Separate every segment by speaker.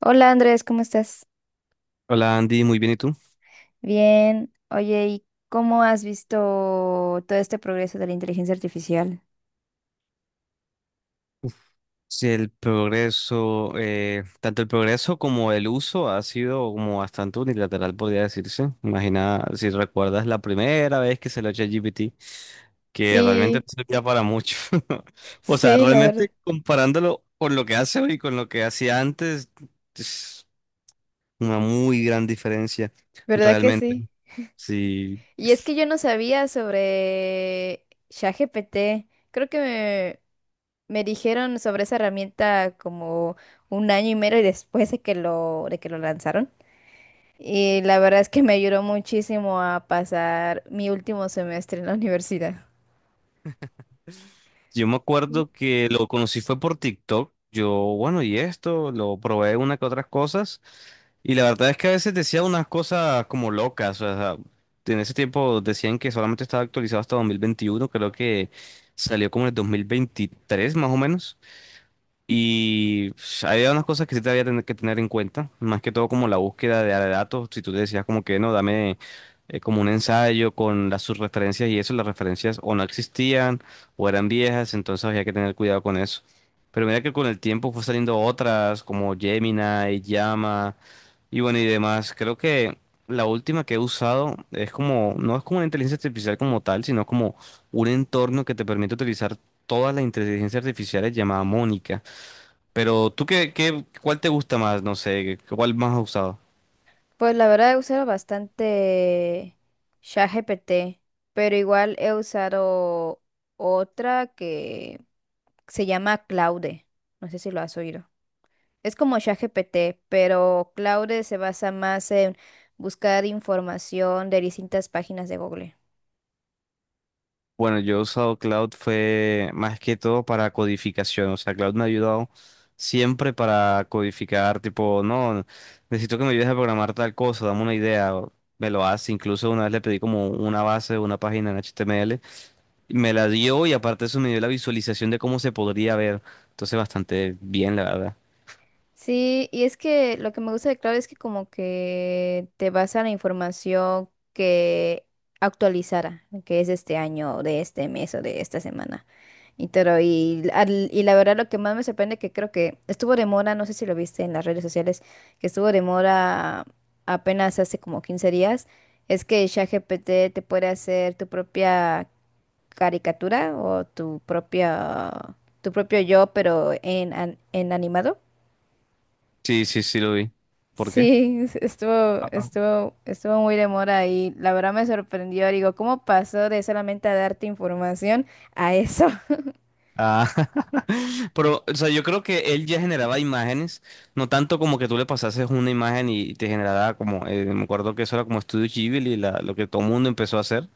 Speaker 1: hola Andrés, ¿cómo estás?
Speaker 2: Hola Andy, muy bien, ¿y tú?
Speaker 1: Bien. Oye, ¿y cómo has visto todo este progreso de la inteligencia artificial?
Speaker 2: Sí, el progreso, tanto el progreso como el uso ha sido como bastante unilateral, podría decirse. Imagina si recuerdas la primera vez que se lo eché GPT, que realmente no
Speaker 1: Sí,
Speaker 2: servía para mucho. O sea,
Speaker 1: sí, la verdad,
Speaker 2: realmente comparándolo con lo que hace hoy y con lo que hacía antes, es una muy gran diferencia,
Speaker 1: verdad que
Speaker 2: realmente.
Speaker 1: sí.
Speaker 2: Sí.
Speaker 1: Y es que yo no sabía sobre ChatGPT. Creo que me dijeron sobre esa herramienta como un año y medio después de que lo lanzaron. Y la verdad es que me ayudó muchísimo a pasar mi último semestre en la universidad.
Speaker 2: Yo me acuerdo que lo conocí fue por TikTok. Yo, bueno, y esto, lo probé una que otras cosas. Y la verdad es que a veces decía unas cosas como locas. O sea, en ese tiempo decían que solamente estaba actualizado hasta 2021. Creo que salió como en el 2023, más o menos. Y pues, había unas cosas que sí te había tener que tener en cuenta, más que todo como la búsqueda de datos, si tú te decías como que no, dame como un ensayo con las sus referencias y eso, las referencias o no existían o eran viejas, entonces había que tener cuidado con eso. Pero mira que con el tiempo fue saliendo otras como Gemini, Llama y bueno y demás. Creo que la última que he usado es como, no es como una inteligencia artificial como tal, sino como un entorno que te permite utilizar todas las inteligencias artificiales llamada Mónica. Pero tú qué, cuál te gusta más, no sé, cuál más has usado.
Speaker 1: Pues la verdad he usado bastante ChatGPT, pero igual he usado otra que se llama Claude. No sé si lo has oído. Es como ChatGPT, pero Claude se basa más en buscar información de distintas páginas de Google.
Speaker 2: Bueno, yo he usado Cloud fue más que todo para codificación, o sea, Cloud me ha ayudado siempre para codificar, tipo, no, necesito que me ayudes a programar tal cosa, dame una idea, o me lo hace, incluso una vez le pedí como una base, una página en HTML, y me la dio y aparte de eso me dio la visualización de cómo se podría ver, entonces bastante bien, la verdad.
Speaker 1: Sí, y es que lo que me gusta de Claude es que como que te basa en la información que actualizara, que es de este año, o de este mes o de esta semana. Y la verdad, lo que más me sorprende, que creo que estuvo de moda, no sé si lo viste en las redes sociales, que estuvo de moda apenas hace como 15 días, es que ChatGPT te puede hacer tu propia caricatura o tu propio yo, pero en animado.
Speaker 2: Sí, sí, sí lo vi. ¿Por qué?
Speaker 1: Sí, estuvo muy de moda y la verdad me sorprendió. Digo, ¿cómo pasó de solamente a darte información a eso?
Speaker 2: Ah, pero, o sea, yo creo que él ya generaba imágenes, no tanto como que tú le pasases una imagen y te generaba como, me acuerdo que eso era como Studio Ghibli, lo que todo el mundo empezó a hacer.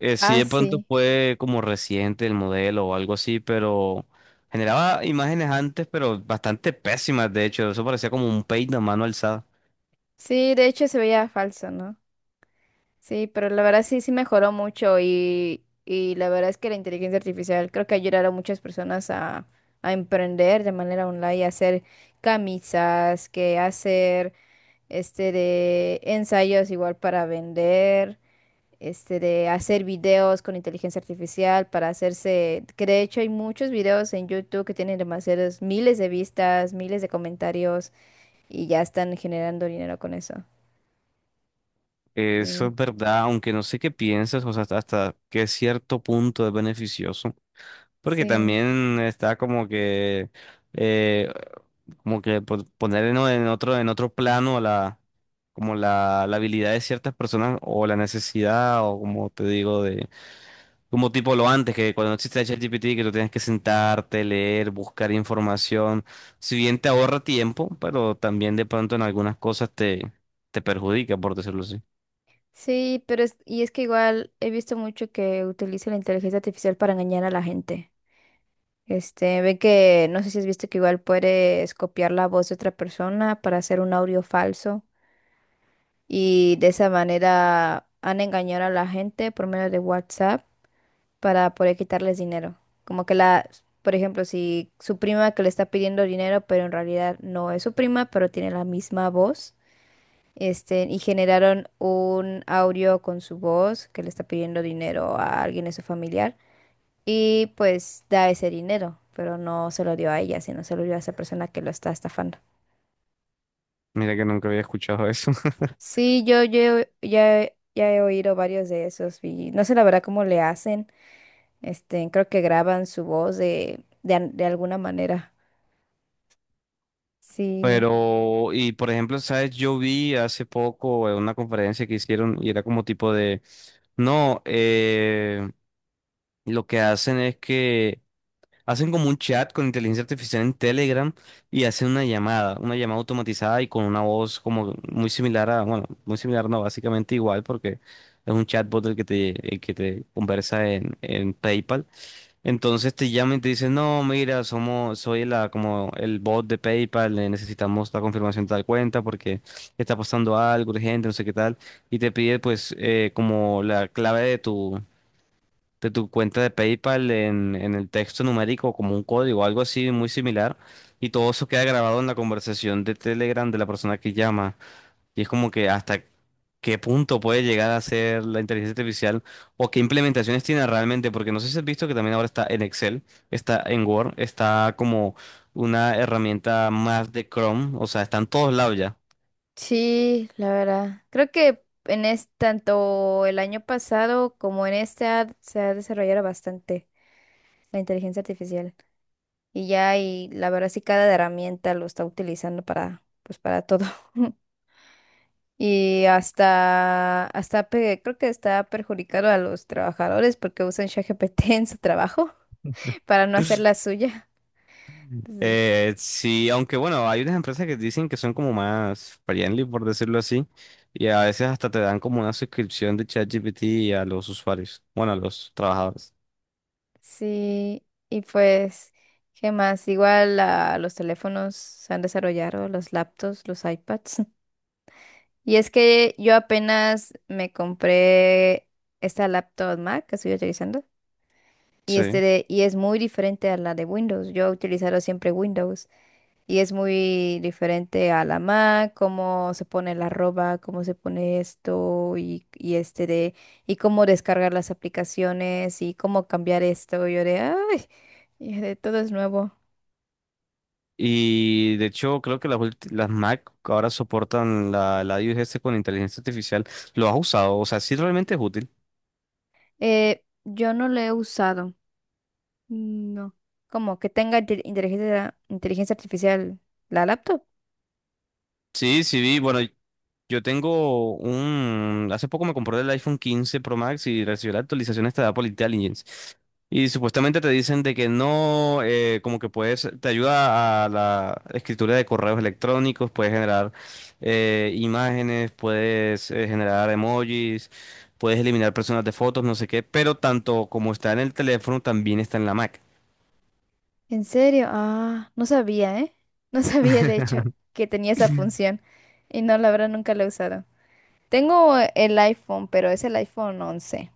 Speaker 2: Sí,
Speaker 1: Ah,
Speaker 2: de pronto
Speaker 1: sí.
Speaker 2: fue como reciente el modelo o algo así, pero generaba imágenes antes, pero bastante pésimas, de hecho, eso parecía como un paint a mano alzada.
Speaker 1: Sí, de hecho se veía falso, ¿no? Sí, pero la verdad sí, sí mejoró mucho y la verdad es que la inteligencia artificial creo que ayudará a muchas personas a emprender de manera online, a hacer camisas, que hacer este de ensayos igual para vender, este de hacer videos con inteligencia artificial para hacerse, que de hecho hay muchos videos en YouTube que tienen demasiados miles de vistas, miles de comentarios y ya están generando dinero con eso.
Speaker 2: Eso es verdad, aunque no sé qué piensas, o sea, hasta qué cierto punto es beneficioso, porque
Speaker 1: Sí,
Speaker 2: también está como que... eh, Como que poner en otro plano la, como la habilidad de ciertas personas o la necesidad o como te digo, de como tipo lo antes, que cuando no existía ChatGPT, que tú tienes que sentarte, leer, buscar información. Si bien te ahorra tiempo, pero también de pronto en algunas cosas te, te perjudica, por decirlo así.
Speaker 1: sí, pero y es que igual he visto mucho que utiliza la inteligencia artificial para engañar a la gente. Este, ve que, no sé si has visto que igual puedes copiar la voz de otra persona para hacer un audio falso y de esa manera han engañado a la gente por medio de WhatsApp para poder quitarles dinero. Como que por ejemplo, si su prima que le está pidiendo dinero, pero en realidad no es su prima, pero tiene la misma voz. Este, y generaron un audio con su voz que le está pidiendo dinero a alguien de su familiar y pues da ese dinero, pero no se lo dio a ella, sino se lo dio a esa persona que lo está estafando.
Speaker 2: Mira que nunca había escuchado eso.
Speaker 1: Sí, yo ya he oído varios de esos y no sé la verdad cómo le hacen. Este, creo que graban su voz de alguna manera. Sí,
Speaker 2: Pero, y por ejemplo, ¿sabes? Yo vi hace poco una conferencia que hicieron y era como tipo de... No, lo que hacen es que hacen como un chat con inteligencia artificial en Telegram y hacen una llamada automatizada y con una voz como muy similar a, bueno, muy similar, no, básicamente igual porque es un chatbot el que te conversa en PayPal. Entonces te llaman y te dicen, no, mira, somos, soy la, como el bot de PayPal, necesitamos la confirmación de tal cuenta porque está pasando algo urgente, no sé qué tal, y te pide pues como la clave de tu cuenta de PayPal en el texto numérico como un código, algo así muy similar, y todo eso queda grabado en la conversación de Telegram de la persona que llama. Y es como que hasta qué punto puede llegar a ser la inteligencia artificial o qué implementaciones tiene realmente, porque no sé si has visto que también ahora está en Excel, está en Word, está como una herramienta más de Chrome, o sea, está en todos lados ya.
Speaker 1: sí, la verdad. Creo que tanto el año pasado como en este se ha desarrollado bastante la inteligencia artificial. Y ya, y la verdad sí cada herramienta lo está utilizando para, pues para todo. Y creo que está perjudicando a los trabajadores porque usan ChatGPT en su trabajo para no hacer la suya. Entonces,
Speaker 2: Sí, aunque bueno, hay unas empresas que dicen que son como más friendly, por decirlo así, y a veces hasta te dan como una suscripción de ChatGPT a los usuarios, bueno, a los trabajadores.
Speaker 1: sí, y pues, ¿qué más? Igual los teléfonos se han desarrollado, los laptops, los iPads. Y es que yo apenas me compré esta laptop Mac que estoy utilizando. Y, este
Speaker 2: Sí.
Speaker 1: de- y es muy diferente a la de Windows. Yo he utilizado siempre Windows. Y es muy diferente a la Mac, cómo se pone la arroba, cómo se pone esto y, y cómo descargar las aplicaciones y cómo cambiar esto. Y de todo es nuevo.
Speaker 2: Y de hecho, creo que las Mac ahora soportan la iOS con inteligencia artificial. ¿Lo has usado? O sea, sí realmente es útil.
Speaker 1: Yo no lo he usado. No. Como que tenga inteligencia artificial la laptop.
Speaker 2: Sí, sí vi, bueno. Yo tengo un... Hace poco me compré el iPhone 15 Pro Max y recibió la actualización esta de Apple Intelligence. Y supuestamente te dicen de que no, como que puedes, te ayuda a la escritura de correos electrónicos, puedes generar imágenes, puedes generar emojis, puedes eliminar personas de fotos, no sé qué, pero tanto como está en el teléfono, también está en la Mac.
Speaker 1: ¿En serio? Ah, no sabía, ¿eh? No sabía, de hecho, que tenía esa función. Y no, la verdad, nunca la he usado. Tengo el iPhone, pero es el iPhone 11.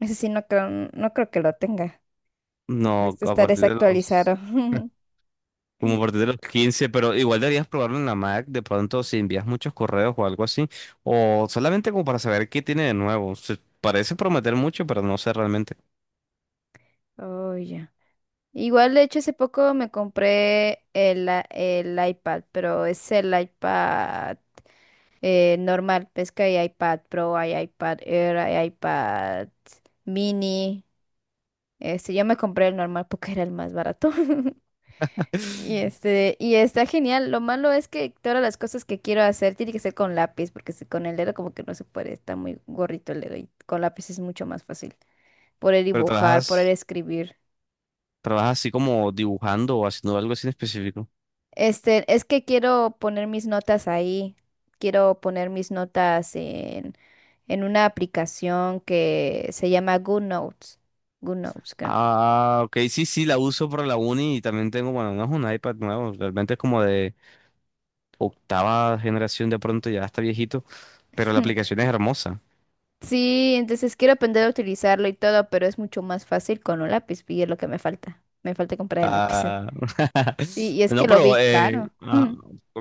Speaker 1: Ese sí, no creo que lo tenga. Creo que
Speaker 2: No,
Speaker 1: este
Speaker 2: a
Speaker 1: está
Speaker 2: partir de los...
Speaker 1: desactualizado.
Speaker 2: Como a partir de los 15 pero igual deberías probarlo en la Mac, de pronto si envías muchos correos o algo así, o solamente como para saber qué tiene de nuevo. Se parece prometer mucho, pero no sé realmente.
Speaker 1: Oh, ya. Igual, de hecho, hace poco me compré el iPad, pero es el iPad normal. Ves que hay iPad Pro, hay iPad Air, hay iPad Mini. Este, yo me compré el normal porque era el más barato. Y este, y está genial. Lo malo es que todas las cosas que quiero hacer tiene que ser con lápiz, porque si con el dedo como que no se puede, está muy gorrito el dedo y con lápiz es mucho más fácil poder
Speaker 2: Pero
Speaker 1: dibujar, poder escribir.
Speaker 2: trabajas así como dibujando o haciendo algo así en específico.
Speaker 1: Este, es que quiero poner mis notas ahí. Quiero poner mis notas en una aplicación que se llama GoodNotes. GoodNotes, creo.
Speaker 2: Ah, ok, sí, sí, la uso para la uni y también tengo, bueno, no es un iPad nuevo, realmente es como de octava generación de pronto, ya está viejito, pero la aplicación es hermosa.
Speaker 1: Sí, entonces quiero aprender a utilizarlo y todo, pero es mucho más fácil con un lápiz y es lo que me falta. Me falta comprar el lápiz.
Speaker 2: Ah,
Speaker 1: Y es que
Speaker 2: no,
Speaker 1: lo vi
Speaker 2: pero,
Speaker 1: caro. Mm.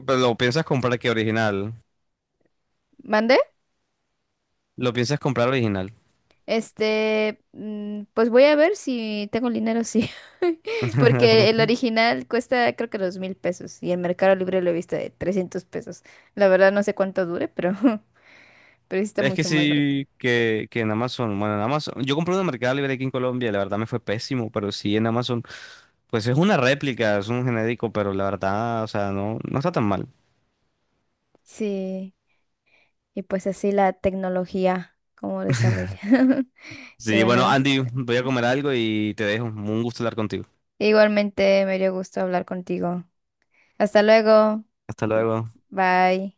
Speaker 2: pero lo piensas comprar que original.
Speaker 1: ¿Mandé?
Speaker 2: Lo piensas comprar original.
Speaker 1: Este, pues voy a ver si tengo el dinero, sí. Porque el original cuesta creo que 2,000 pesos y en Mercado Libre lo he visto de 300 pesos. La verdad no sé cuánto dure, pero, pero sí está
Speaker 2: Es que
Speaker 1: mucho más barato.
Speaker 2: sí, que en Amazon, bueno, en Amazon, yo compré una Mercado Libre aquí en Colombia, la verdad me fue pésimo, pero sí en Amazon, pues es una réplica, es un genérico, pero la verdad, o sea, no, no está tan mal.
Speaker 1: Sí, y pues así la tecnología, cómo desarrolla. Y
Speaker 2: Sí, bueno,
Speaker 1: bueno.
Speaker 2: Andy, voy a comer algo y te dejo. Un gusto hablar contigo.
Speaker 1: Igualmente me dio gusto hablar contigo. Hasta luego.
Speaker 2: Hasta luego.
Speaker 1: Bye.